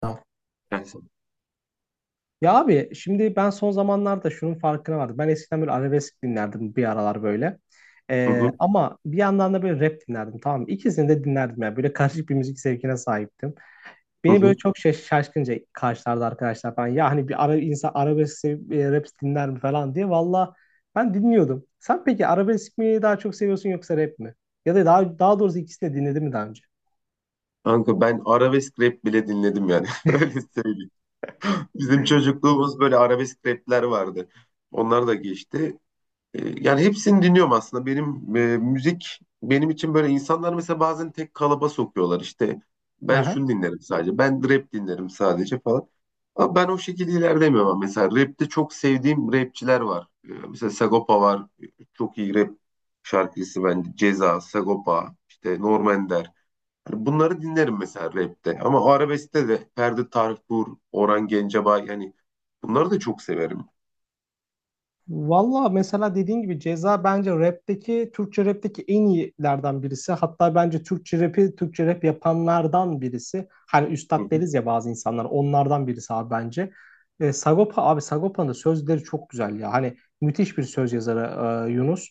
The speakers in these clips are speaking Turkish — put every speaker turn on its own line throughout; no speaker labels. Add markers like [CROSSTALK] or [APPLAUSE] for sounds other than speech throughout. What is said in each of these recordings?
Tamam.
Yani,
Ya abi şimdi ben son zamanlarda şunun farkına vardım. Ben eskiden böyle arabesk dinlerdim bir aralar böyle.
hı
Ee,
hı,
ama bir yandan da böyle rap dinlerdim, tamam mı? İkisini de dinlerdim yani. Böyle karışık bir müzik zevkine sahiptim.
hı
Beni böyle
hı.
çok şaşkınca karşılardı arkadaşlar falan. Ya hani bir ara insan arabesk sevip, rap dinler mi falan diye. Valla ben dinliyordum. Sen peki arabesk mi daha çok seviyorsun yoksa rap mi? Ya da daha doğrusu ikisini de dinledin mi daha önce?
Kanka ben arabesk rap bile dinledim yani. [LAUGHS] Öyle söyleyeyim. Bizim çocukluğumuz böyle arabesk rapler vardı. Onlar da geçti. Yani hepsini dinliyorum aslında. Benim müzik benim için böyle insanlar mesela bazen tek kalıba sokuyorlar işte. Ben
Aha.
şunu dinlerim sadece. Ben rap dinlerim sadece falan. Ama ben o şekilde ilerlemiyorum ama mesela rapte çok sevdiğim rapçiler var. Mesela Sagopa var. Çok iyi rap şarkıcısı bence. Ceza, Sagopa, işte Norm Ender. Hani bunları dinlerim mesela rapte. Ama o arabeskte de Ferdi Tayfur, Orhan Gencebay yani bunları da çok severim.
Valla mesela dediğin gibi Ceza bence rapteki, Türkçe rapteki en iyilerden birisi. Hatta bence Türkçe rapi, Türkçe rap yapanlardan birisi. Hani
Hı hı.
üstad deriz ya bazı insanlar, onlardan birisi abi bence. Sagopa abi, Sagopa'nın da sözleri çok güzel ya. Hani müthiş bir söz yazarı, Yunus.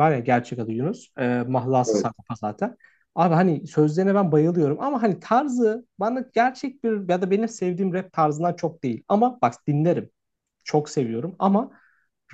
Var ya, gerçek adı Yunus. Mahlası
Evet.
Sagopa zaten. Abi hani sözlerine ben bayılıyorum, ama hani tarzı bana gerçek bir ya da benim sevdiğim rap tarzından çok değil. Ama bak, dinlerim. Çok seviyorum, ama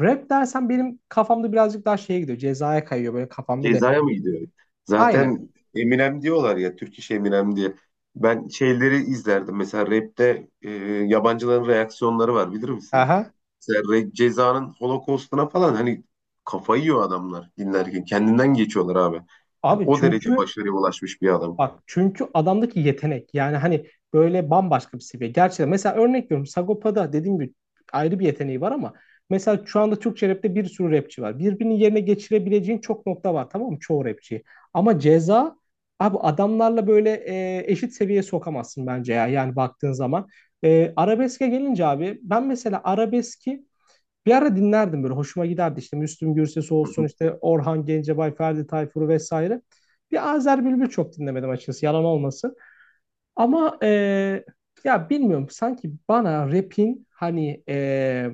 rap dersen benim kafamda birazcık daha şeye gidiyor. Cezaya kayıyor böyle, kafam böyle.
Ceza'ya mı gidiyor?
Aynen.
Zaten Eminem diyorlar ya, Türk iş Eminem diye. Ben şeyleri izlerdim. Mesela rapte yabancıların reaksiyonları var bilir misin?
Aha.
Mesela Ceza'nın Holocaust'una falan hani kafayı yiyor adamlar dinlerken. Kendinden geçiyorlar abi. Hani
Abi
o derece
çünkü
başarıya ulaşmış bir adam.
bak, çünkü adamdaki yetenek yani hani böyle bambaşka bir seviye. Gerçekten mesela örnek veriyorum, Sagopa'da dediğim gibi ayrı bir yeteneği var, ama mesela şu anda Türkçe rapte bir sürü rapçi var. Birbirinin yerine geçirebileceğin çok nokta var, tamam mı, çoğu rapçi. Ama Ceza abi, adamlarla böyle eşit seviyeye sokamazsın bence ya, yani baktığın zaman. Arabeske gelince abi, ben mesela arabeski bir ara dinlerdim, böyle hoşuma giderdi, işte Müslüm Gürses'i olsun,
[LAUGHS]
işte Orhan Gencebay, Ferdi Tayfur'u vesaire. Bir Azer Bülbül çok dinlemedim açıkçası, yalan olmasın. Ama ya bilmiyorum, sanki bana rap'in hani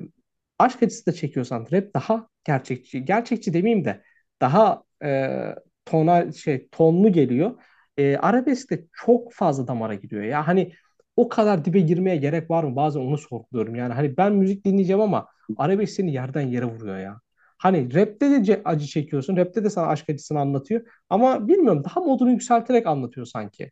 aşk acısı da çekiyorsan rap daha gerçekçi. Gerçekçi demeyeyim de daha tona şey tonlu geliyor. Arabesk de çok fazla damara gidiyor. Ya hani o kadar dibe girmeye gerek var mı? Bazen onu sorguluyorum. Yani hani ben müzik dinleyeceğim, ama arabesk seni yerden yere vuruyor ya. Hani rap'te de acı çekiyorsun. Rap'te de sana aşk acısını anlatıyor. Ama bilmiyorum, daha modunu yükselterek anlatıyor sanki.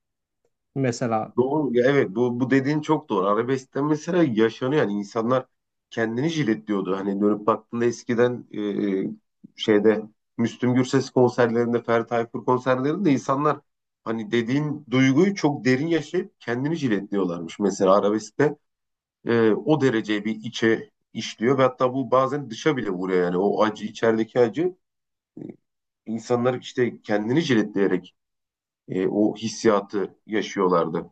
Mesela.
Doğru. Ya evet bu dediğin çok doğru. Arabeskte mesela yaşanıyor. Yani insanlar kendini jiletliyordu. Hani dönüp baktığında eskiden e, şeyde Müslüm Gürses konserlerinde, Ferdi Tayfur konserlerinde insanlar hani dediğin duyguyu çok derin yaşayıp kendini jiletliyorlarmış. Mesela arabeskte o derece bir içe işliyor ve hatta bu bazen dışa bile vuruyor. Yani o acı, içerideki acı, e, insanlar işte kendini jiletleyerek o hissiyatı yaşıyorlardı.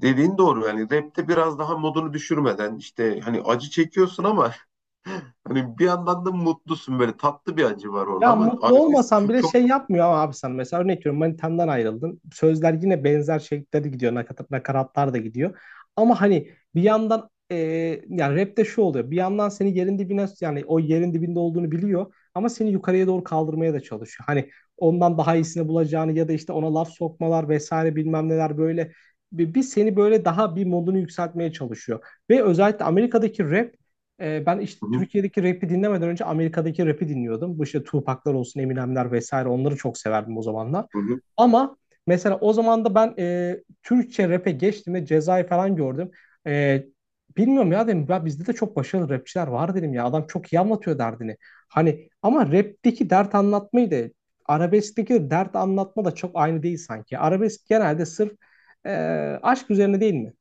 Dediğin doğru, yani rapte biraz daha modunu düşürmeden işte hani acı çekiyorsun ama [LAUGHS] hani bir yandan da mutlusun, böyle tatlı bir acı var orada
Ya
ama
mutlu
arabesk
olmasan
çok
bile
çok.
şey yapmıyor ama, abi sen mesela örnek veriyorum, manitandan ayrıldın. Sözler yine benzer şekilde gidiyor. Nakaratlar da gidiyor. Ama hani bir yandan, yani rapte şu oluyor. Bir yandan seni yerin dibine yani o yerin dibinde olduğunu biliyor. Ama seni yukarıya doğru kaldırmaya da çalışıyor. Hani ondan daha iyisini bulacağını ya da işte ona laf sokmalar vesaire bilmem neler böyle. Bir seni böyle daha bir modunu yükseltmeye çalışıyor. Ve özellikle Amerika'daki rap, ben işte
Hı hı,
Türkiye'deki rap'i dinlemeden önce Amerika'daki rap'i dinliyordum. Bu işte Tupac'lar olsun, Eminem'ler vesaire, onları çok severdim o zamanlar.
hı hı.
Ama mesela o zaman da ben, Türkçe rap'e geçtiğimde Ceza'yı falan gördüm. E, Bilmiyorum ya, dedim ya bizde de çok başarılı rapçiler var, dedim ya adam çok iyi anlatıyor derdini. Hani ama rap'teki dert anlatmayı da arabeskteki dert anlatma da çok aynı değil sanki. Arabesk genelde sırf e, aşk üzerine değil mi?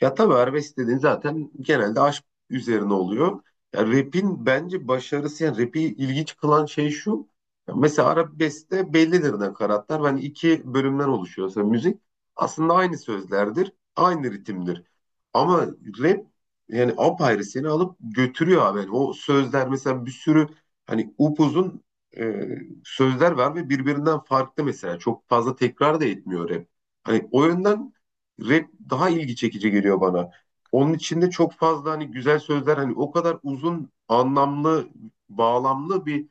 Ya tabii arabesk dediğin zaten genelde aşk üzerine oluyor. Ya rap'in bence başarısı, yani rap'i ilginç kılan şey şu. Ya mesela arabeskte bellidir nakaratlar. Hani iki bölümden oluşuyorsa müzik aslında aynı sözlerdir, aynı ritimdir. Ama rap yani apayrı seni alıp götürüyor abi. Yani o sözler mesela bir sürü hani upuzun e, sözler var ve birbirinden farklı mesela. Çok fazla tekrar da etmiyor rap. Hani o yönden rap daha ilgi çekici geliyor bana. Onun içinde çok fazla hani güzel sözler, hani o kadar uzun anlamlı bağlamlı bir,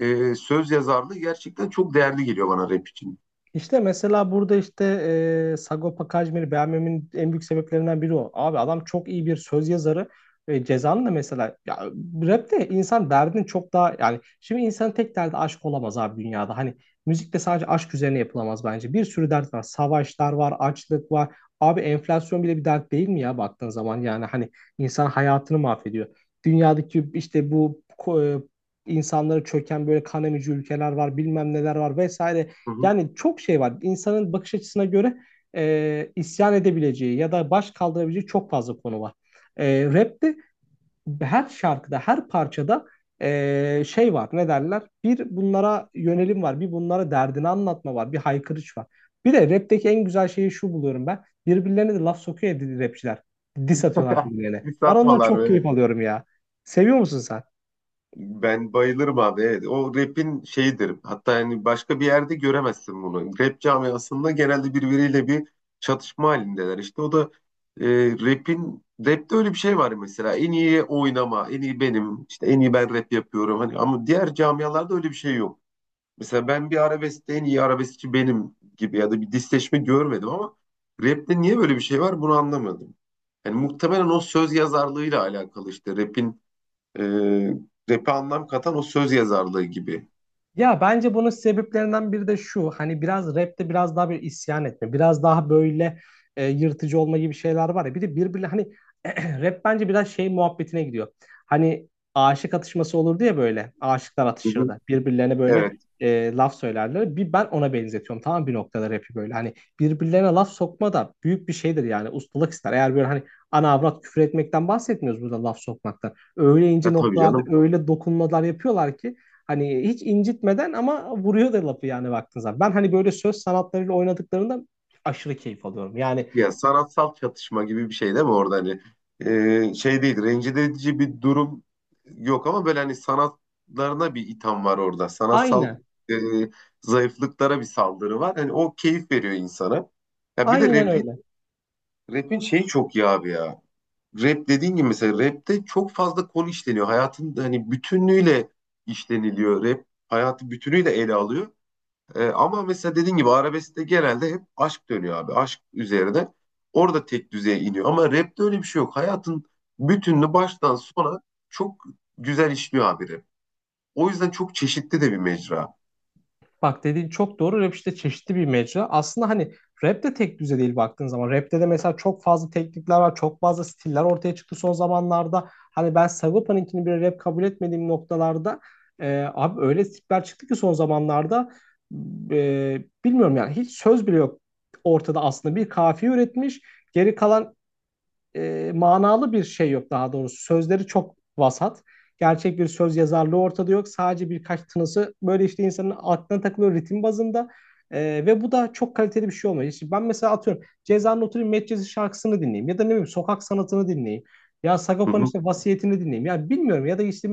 söz yazarlığı gerçekten çok değerli geliyor bana rap için.
İşte mesela burada işte Sagopa Kajmer'i beğenmemin en büyük sebeplerinden biri o. Abi adam çok iyi bir söz yazarı. Ceza'nın da mesela ya, rapte insan derdini çok daha, yani şimdi insanın tek derdi aşk olamaz abi dünyada. Hani müzikte sadece aşk üzerine yapılamaz bence. Bir sürü dert var. Savaşlar var, açlık var. Abi enflasyon bile bir dert değil mi ya, baktığın zaman yani hani insan hayatını mahvediyor. Dünyadaki işte bu insanları çöken böyle kan emici ülkeler var, bilmem neler var vesaire,
Hı hı.
yani çok şey var. İnsanın bakış açısına göre isyan edebileceği ya da baş kaldırabileceği çok fazla konu var. Rap'te her şarkıda, her parçada şey var. Ne derler? Bir bunlara yönelim var. Bir bunlara derdini anlatma var. Bir haykırış var. Bir de rap'teki en güzel şeyi şu buluyorum ben. Birbirlerine de laf sokuyor ya rapçiler. Diss atıyorlar birbirlerine.
Diss
Ben ondan
atmalar,
çok
evet.
keyif alıyorum ya. Seviyor musun sen?
Ben bayılırım abi. Evet. O rap'in şeyidir. Hatta yani başka bir yerde göremezsin bunu. Rap camiasında genelde birbiriyle bir çatışma halindeler. İşte o da e, rap'te öyle bir şey var mesela. En iyi oynama, en iyi benim, işte en iyi ben rap yapıyorum. Hani ama diğer camialarda öyle bir şey yok. Mesela ben bir arabeskte en iyi arabeskçi benim gibi ya da bir disleşme görmedim ama rap'te niye böyle bir şey var bunu anlamadım. Yani muhtemelen o söz yazarlığıyla alakalı, işte rap'in, e, rap'e anlam katan o söz yazarlığı gibi.
Ya bence bunun sebeplerinden biri de şu. Hani biraz rapte biraz daha bir isyan etme. Biraz daha böyle yırtıcı olma gibi şeyler var ya. Bir de birbirine hani [CLEARS THROAT] rap bence biraz şey muhabbetine gidiyor. Hani aşık atışması olurdu ya böyle. Aşıklar
Hı hı.
atışırdı. Birbirlerine böyle
Evet.
laf söylerler. Bir ben ona benzetiyorum. Tamam, bir noktada rapi böyle. Hani birbirlerine laf sokma da büyük bir şeydir yani. Ustalık ister. Eğer böyle hani ana avrat küfür etmekten bahsetmiyoruz, burada laf sokmaktan. Öyle ince
Ya tabii
noktalarda
canım.
öyle dokunmalar yapıyorlar ki hani hiç incitmeden ama vuruyor da lafı, yani baktığın zaman. Ben hani böyle söz sanatlarıyla oynadıklarında aşırı keyif alıyorum. Yani
Ya sanatsal çatışma gibi bir şey değil mi orada hani. E, şey değil, rencide edici bir durum yok ama böyle hani sanatlarına bir itham var orada. Sanatsal
aynen,
e, zayıflıklara bir saldırı var. Hani o keyif veriyor insana. Ya bir de
aynen öyle.
rap'in şeyi çok iyi abi ya. Rap dediğin gibi mesela rap'te çok fazla konu işleniyor. Hayatın hani bütünlüğüyle işleniliyor. Rap hayatı bütünüyle ele alıyor. Ama mesela dediğin gibi arabeskte genelde hep aşk dönüyor abi. Aşk üzerine. Orada tek düzeye iniyor. Ama rapte öyle bir şey yok. Hayatın bütününü baştan sona çok güzel işliyor abi rap. O yüzden çok çeşitli de bir mecra.
Bak, dediğin çok doğru. Rap işte çeşitli bir mecra. Aslında hani rap de tek düze değil baktığın zaman. Rap'te de mesela çok fazla teknikler var. Çok fazla stiller ortaya çıktı son zamanlarda. Hani ben Sagopa'nınkini bir rap kabul etmediğim noktalarda, abi öyle stiller çıktı ki son zamanlarda, e, bilmiyorum yani, hiç söz bile yok ortada aslında. Bir kafiye üretmiş. Geri kalan manalı bir şey yok daha doğrusu. Sözleri çok vasat. Gerçek bir söz yazarlığı ortada yok. Sadece birkaç tınısı böyle işte insanın aklına takılıyor ritim bazında. Ve bu da çok kaliteli bir şey olmuyor. İşte ben mesela atıyorum Ceza'nın, oturayım Medcezir şarkısını dinleyeyim ya da ne bileyim sokak sanatını dinleyeyim. Ya
Hı
Sagopa'nın
hı.
işte vasiyetini dinleyeyim. Ya bilmiyorum, ya da işte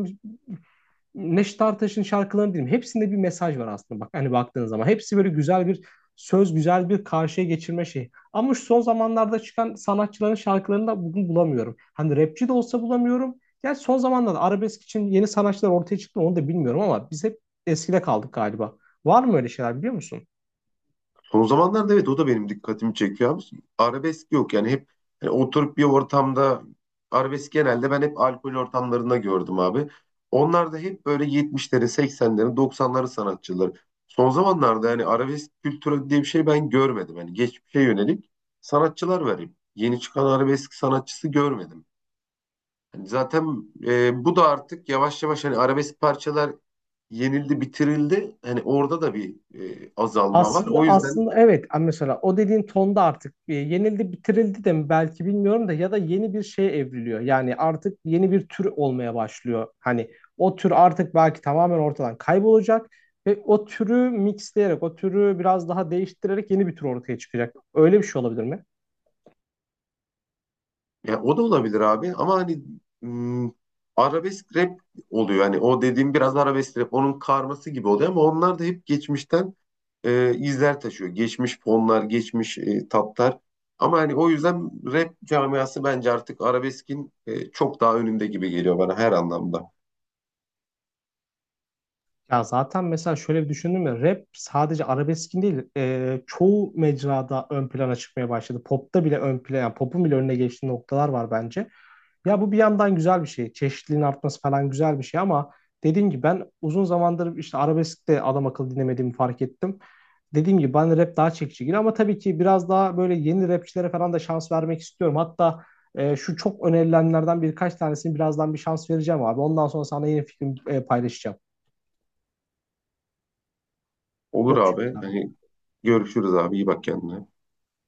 Neşet Ertaş'ın şarkılarını dinleyin. Hepsinde bir mesaj var aslında bak, hani baktığın zaman. Hepsi böyle güzel bir söz, güzel bir karşıya geçirme şeyi. Ama şu son zamanlarda çıkan sanatçıların şarkılarını da bugün bulamıyorum. Hani rapçi de olsa bulamıyorum. Yani son zamanlarda arabesk için yeni sanatçılar ortaya çıktı, onu da bilmiyorum, ama biz hep eskide kaldık galiba. Var mı öyle şeyler, biliyor musun?
Son zamanlarda evet o da benim dikkatimi çekiyor abi. Arabesk yok yani, hep hani oturup bir ortamda arabesk genelde ben hep alkol ortamlarında gördüm abi. Onlar da hep böyle 70'lerin, 80'lerin, 90'ların sanatçıları. Son zamanlarda yani arabesk kültürü diye bir şey ben görmedim. Hani geçmişe yönelik sanatçılar var hep. Yeni çıkan arabesk sanatçısı görmedim. Hani zaten bu da artık yavaş yavaş hani arabesk parçalar yenildi, bitirildi. Hani orada da bir azalma var.
Aslında
O yüzden
aslında evet, mesela o dediğin tonda artık yenildi bitirildi de mi belki bilmiyorum da, ya da yeni bir şeye evriliyor. Yani artık yeni bir tür olmaya başlıyor. Hani o tür artık belki tamamen ortadan kaybolacak ve o türü mixleyerek, o türü biraz daha değiştirerek yeni bir tür ortaya çıkacak. Öyle bir şey olabilir mi?
ya o da olabilir abi ama hani, mm, arabesk rap oluyor. Hani o dediğim biraz arabesk rap onun karması gibi oluyor ama onlar da hep geçmişten izler taşıyor. Geçmiş fonlar, geçmiş tatlar. Ama hani o yüzden rap camiası bence artık arabeskin, çok daha önünde gibi geliyor bana her anlamda.
Ya zaten mesela şöyle bir düşündüm ya, rap sadece arabeskin değil, çoğu mecrada ön plana çıkmaya başladı. Pop'ta bile ön plana, yani pop'un bile önüne geçtiği noktalar var bence. Ya bu bir yandan güzel bir şey. Çeşitliliğin artması falan güzel bir şey, ama dediğim gibi ben uzun zamandır işte arabesk'te adam akıllı dinlemediğimi fark ettim. Dediğim gibi ben rap daha çekici geliyor, ama tabii ki biraz daha böyle yeni rapçilere falan da şans vermek istiyorum. Hatta şu çok önerilenlerden birkaç tanesini birazdan bir şans vereceğim abi. Ondan sonra sana yeni fikrim, paylaşacağım.
Olur
Görüşmek
abi.
üzere.
Hani görüşürüz abi. İyi bak kendine.